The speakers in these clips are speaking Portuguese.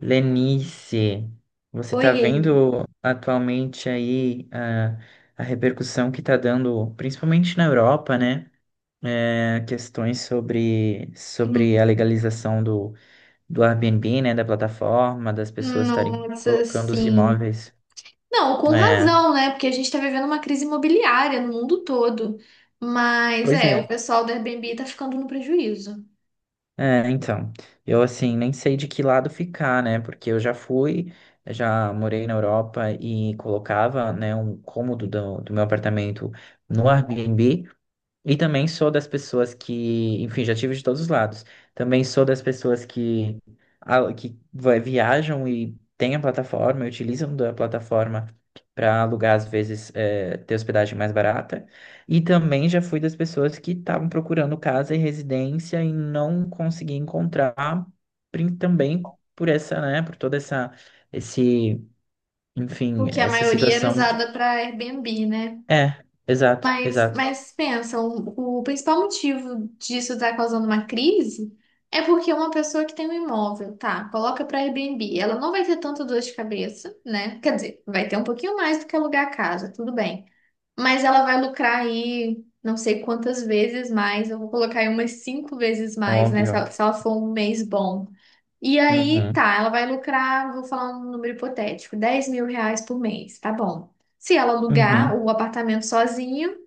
Lenice, você está Oiê. vendo atualmente aí a repercussão que está dando, principalmente na Europa, né? Questões sobre, Hum. sobre a legalização do Airbnb, né? Da plataforma, das pessoas estarem Nossa, colocando os sim. imóveis. Não, com É, razão, né? Porque a gente tá vivendo uma crise imobiliária no mundo todo. Mas pois é, o é. pessoal do Airbnb tá ficando no prejuízo, Então, eu assim, nem sei de que lado ficar, né? Porque eu já fui, já morei na Europa e colocava, né, um cômodo do meu apartamento no Airbnb. E também sou das pessoas que, enfim, já tive de todos os lados. Também sou das pessoas que, viajam e têm a plataforma, e utilizam da plataforma para alugar, às vezes, ter hospedagem mais barata. E também já fui das pessoas que estavam procurando casa e residência e não consegui encontrar, também por essa, né, por toda esse, enfim, porque a essa maioria era situação de... usada para Airbnb, né? É, exato, Mas, exato, mas pensa, o principal motivo disso estar causando uma crise é porque uma pessoa que tem um imóvel, tá, coloca para Airbnb, ela não vai ter tanta dor de cabeça, né? Quer dizer, vai ter um pouquinho mais do que alugar a casa, tudo bem. Mas ela vai lucrar aí não sei quantas vezes mais. Eu vou colocar aí umas cinco vezes mais, né? Se óbvio. ela, se ela for um mês bom. E aí, Uhum. tá, ela vai lucrar, vou falar um número hipotético, R$ 10.000 por mês, tá bom. Se ela alugar Uhum. o apartamento sozinho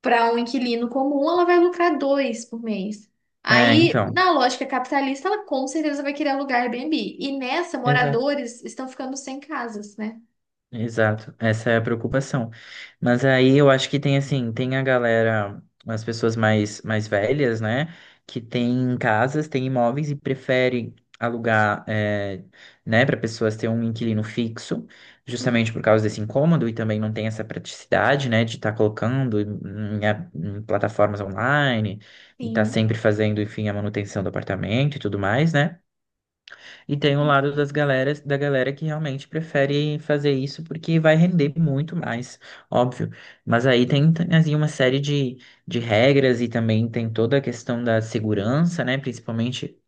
para um inquilino comum, ela vai lucrar dois por mês. É, Aí, então. na lógica capitalista, ela com certeza vai querer alugar Airbnb. E nessa, Exato. moradores estão ficando sem casas, né? Exato, essa é a preocupação. Mas aí eu acho que tem assim, tem a galera, as pessoas mais velhas, né, que tem casas, tem imóveis e prefere alugar, é, né, para pessoas ter um inquilino fixo, Hum, justamente por causa desse incômodo e também não tem essa praticidade, né, de estar colocando em, em plataformas online e estar sim. sempre fazendo, enfim, a manutenção do apartamento e tudo mais, né? E tem um lado da galera que realmente prefere fazer isso porque vai render muito mais, óbvio. Mas aí tem, assim, uma série de regras e também tem toda a questão da segurança, né? Principalmente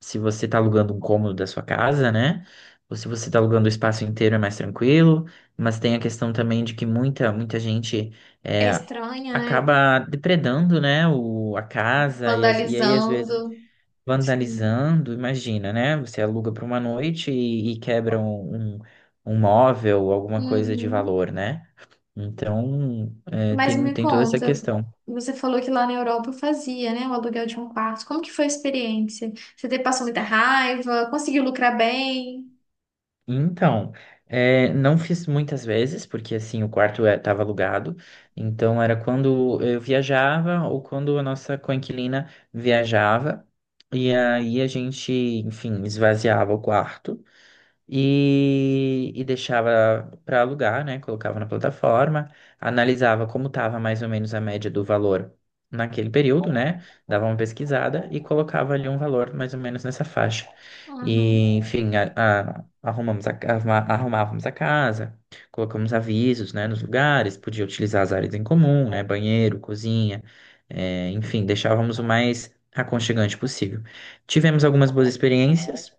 se você está alugando um cômodo da sua casa, né? Ou se você está alugando o espaço inteiro é mais tranquilo. Mas tem a questão também de que muita gente É é, estranha, né? acaba depredando, né? A casa e, as, e aí às vezes Vandalizando. vandalizando, imagina, né? Você aluga para uma noite e quebra um móvel, alguma coisa de Uhum. valor, né? Então, é, Mas tem, me tem toda essa conta, questão. você falou que lá na Europa fazia, né, o aluguel de um quarto. Como que foi a experiência? Passou muita raiva? Conseguiu lucrar bem? Então, é, não fiz muitas vezes, porque assim, o quarto estava alugado, então era quando eu viajava ou quando a nossa coinquilina viajava, e aí a gente, enfim, esvaziava o quarto. E, e deixava para alugar, né? Colocava na plataforma, analisava como estava mais ou menos a média do valor naquele período, né? Dava uma pesquisada e colocava ali um valor mais ou menos nessa faixa. Uhum. E, enfim, a- arrumamos a, ca- arruma- arrumávamos a casa, colocamos avisos, né, nos lugares, podia utilizar as áreas em comum, né? Banheiro, cozinha, enfim, deixávamos o mais aconchegante possível. Tivemos algumas boas experiências,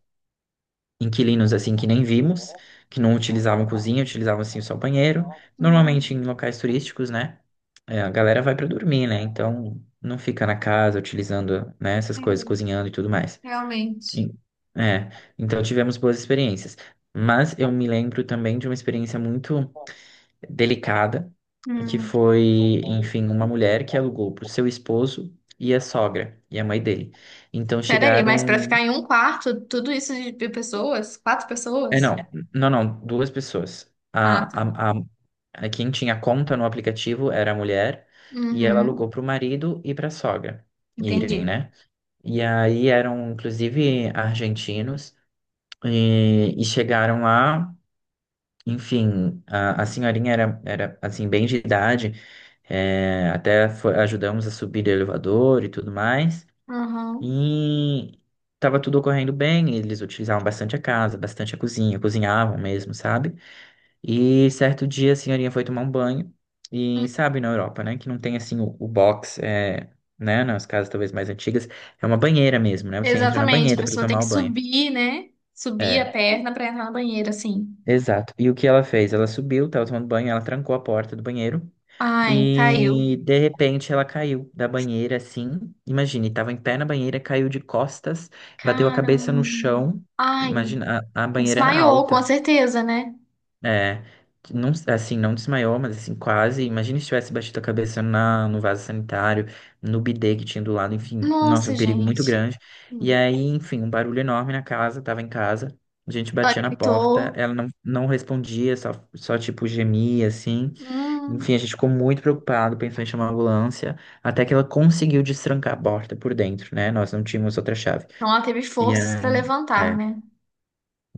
inquilinos assim que nem vimos, que não utilizavam cozinha, utilizavam assim só banheiro. Normalmente Uhum. em locais turísticos, né? É, a galera vai pra dormir, né? Então não fica na casa utilizando, né, essas coisas, É, cozinhando e tudo mais. realmente. E- é, então tivemos boas experiências. Mas eu me lembro também de uma experiência muito delicada, que Hum. foi, enfim, uma mulher que alugou para o seu esposo e a sogra e a mãe dele. Então Peraí, mas para ficar chegaram. em um quarto, tudo isso de pessoas? Quatro É, pessoas? não, duas pessoas. Ah, tá. a, a, Quem tinha conta no aplicativo era a mulher e ela Uhum. alugou para o marido e para a sogra Entendi. irem, né? E aí eram, inclusive, argentinos e chegaram lá, enfim, a senhorinha era, assim, bem de idade, é, ajudamos a subir o elevador e tudo mais, Uhum. e estava tudo ocorrendo bem, eles utilizavam bastante a casa, bastante a cozinha, cozinhavam mesmo, sabe? E certo dia assim, a senhorinha foi tomar um banho. E sabe, na Europa, né? Que não tem assim o box, é, né? Nas casas talvez mais antigas, é uma banheira mesmo, né? Você entra na Exatamente, a banheira para pessoa tem tomar que o banho. subir, né? Subir a É, perna para entrar na banheira, assim. exato. E o que ela fez? Ela subiu, tava tomando banho, ela trancou a porta do banheiro. Ai, caiu. E de repente ela caiu da banheira assim. Imagine, tava em pé na banheira, caiu de costas, bateu a cabeça no Caramba. chão. Ai, Imagina, a banheira era desmaiou, com alta. certeza, né? É, não, assim, não desmaiou, mas assim, quase. Imagina se tivesse batido a cabeça na, no vaso sanitário, no bidê que tinha do lado, enfim. Nossa, Nossa, um perigo muito gente. grande. E Hum. aí, enfim, um barulho enorme na casa, tava em casa. A gente Ela batia na porta, gritou. ela não respondia, só tipo gemia, assim. Hum. Enfim, a gente ficou muito preocupado, pensou em chamar a ambulância, até que ela conseguiu destrancar a porta por dentro, né? Nós não tínhamos outra chave. Então ela teve E forças para aí, levantar, é. né?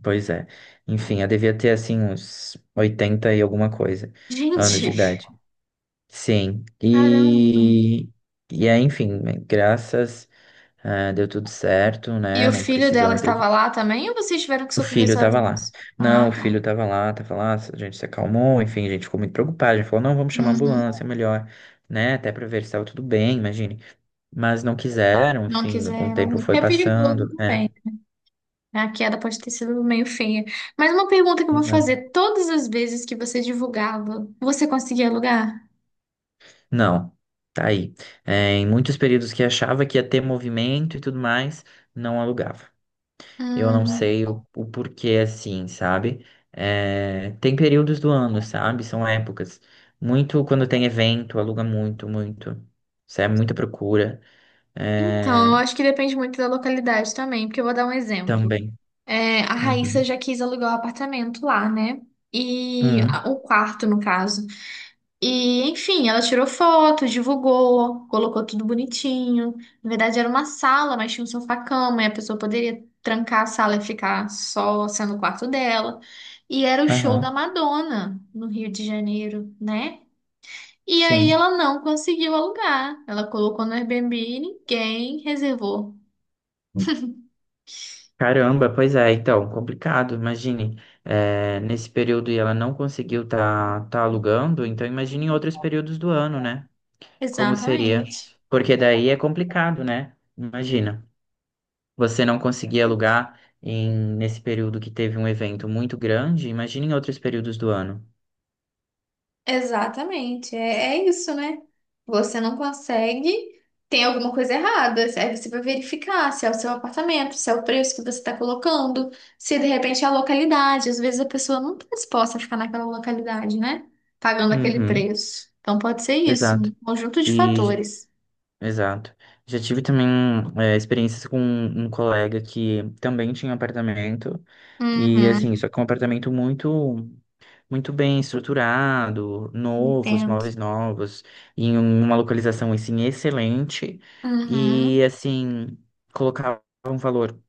Pois é. Enfim, eu devia ter assim uns 80 e alguma coisa anos de Gente, Uhum. idade. Sim. caramba. E aí, enfim, né, graças, ah, deu tudo certo, E né? o Não filho precisou, dela não teve. estava lá também ou vocês tiveram que O socorrer filho tava lá. sozinhos? Não, Ah, o tá. filho tava lá, a gente se acalmou, enfim, a gente ficou muito preocupado. A gente falou, não, vamos chamar a Uhum. ambulância, é melhor, né? Até pra ver se estava tudo bem, imagine. Mas não quiseram, Não enfim, com o quiseram. tempo foi É perigoso passando, né? também, né? A queda pode ter sido meio feia. Mas uma pergunta que eu vou fazer: todas as vezes que você divulgava, você conseguia alugar? Não, tá aí. É, em muitos períodos que achava que ia ter movimento e tudo mais, não alugava. Eu não Hum. sei o porquê assim, sabe? É, tem períodos do ano, sabe? São épocas. Muito quando tem evento, aluga muito. Isso é muita procura. Então, eu É, acho que depende muito da localidade também, porque eu vou dar um exemplo. também. É, a Raíssa Uhum. já quis alugar o apartamento lá, né? Uhum. O quarto, no caso. E, enfim, ela tirou foto, divulgou, colocou tudo bonitinho. Na verdade, era uma sala, mas tinha um sofá-cama, e a pessoa poderia trancar a sala e ficar só sendo o quarto dela. E era o show da Aham. Madonna no Rio de Janeiro, né? E aí Sim. ela não conseguiu alugar. Ela colocou no Airbnb e ninguém reservou. Caramba, pois é, então, complicado, imagine, nesse período e ela não conseguiu tá alugando, então imagine em outros períodos do ano, né? Como seria? Exatamente. Porque daí é complicado, né? Imagina, você não conseguir alugar em, nesse período que teve um evento muito grande, imagine em outros períodos do ano. Exatamente, é, é isso, né? Você não consegue, tem alguma coisa errada. Aí você vai verificar se é o seu apartamento, se é o preço que você está colocando, se de repente é a localidade. Às vezes a pessoa não está disposta a ficar naquela localidade, né? Pagando aquele Uhum, preço. Então pode ser isso, um exato. conjunto de E, j- fatores. Exato. Já tive também, experiências com um colega que também tinha apartamento, e assim, Uhum, só que é um apartamento muito bem estruturado, novos, entendo. móveis novos, em uma localização assim excelente e Uhum. assim colocava um valor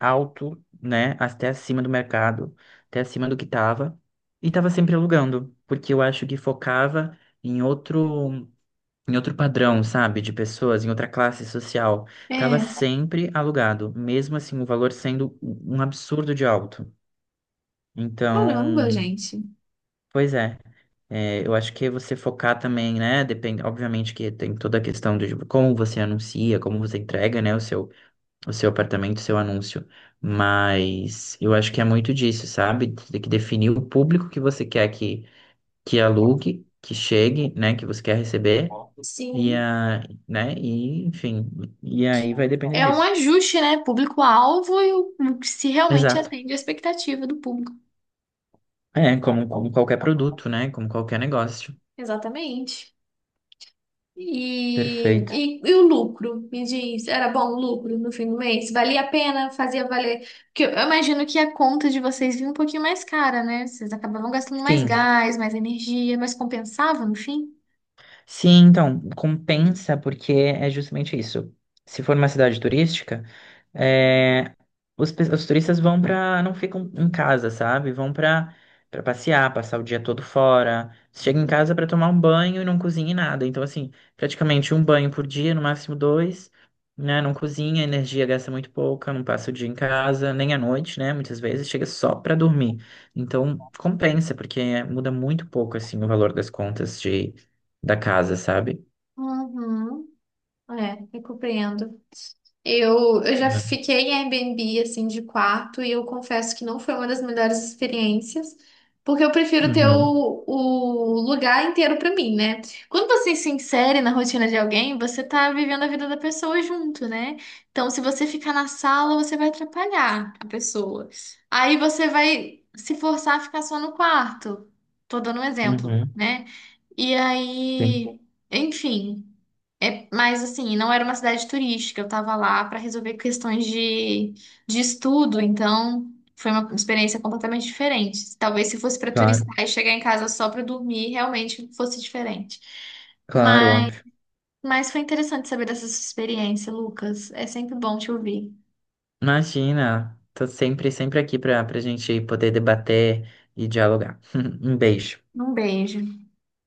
alto, né, até acima do mercado, até acima do que estava e estava sempre alugando, porque eu acho que focava em outro, em outro padrão, sabe, de pessoas, em outra classe social, tava É, sempre alugado, mesmo assim o valor sendo um absurdo de alto. caramba, Então, gente. pois é. É, eu acho que você focar também, né? Depende, obviamente que tem toda a questão de tipo, como você anuncia, como você entrega, né, o seu apartamento, o seu anúncio. Mas eu acho que é muito disso, sabe? Tem que definir o público que você quer que alugue, que chegue, né? Que você quer receber. E Sim. a, né? E, enfim, e aí vai depender É um disso. ajuste, né? Público-alvo e o que se realmente Exato. atende à expectativa do público. É, como qualquer produto, né? Como qualquer negócio. Exatamente. E, Perfeito. e, e o lucro? Me diz, era bom o lucro no fim do mês? Valia a pena? Fazia valer? Porque eu imagino que a conta de vocês vinha um pouquinho mais cara, né? Vocês acabavam gastando mais Sim. gás, mais energia, mas compensava no fim? Sim, então, compensa porque é justamente isso. Se for uma cidade turística, é, os turistas vão para, não ficam em casa, sabe? Vão para passear, passar o dia todo fora. Chega em casa para tomar um banho e não cozinha em nada. Então, assim, praticamente um banho por dia, no máximo dois, né? Não cozinha, a energia gasta muito pouca, não passa o dia em casa, nem à noite, né? Muitas vezes chega só para dormir. Então, compensa, porque é, muda muito pouco, assim, o valor das contas de da casa, sabe? Uhum. É, eu compreendo. Eu já Né? fiquei em Airbnb, assim, de quarto, e eu confesso que não foi uma das melhores experiências, porque eu prefiro ter Uhum, o lugar inteiro pra mim, né? Quando você se insere na rotina de alguém, você tá vivendo a vida da pessoa junto, né? Então, se você ficar na sala, você vai atrapalhar a pessoa. Aí você vai se forçar a ficar só no quarto. Tô dando um exemplo, uhum, né? E sim, aí, enfim. É, mas assim, não era uma cidade turística, eu tava lá para resolver questões de estudo, então foi uma experiência completamente diferente. Talvez se fosse para claro, turistar e chegar em casa só para dormir, realmente fosse diferente. claro, Mas, óbvio. mas foi interessante saber dessa sua experiência, Lucas. É sempre bom te ouvir. Imagina, tô sempre aqui pra gente poder debater e dialogar. Um beijo. Um beijo.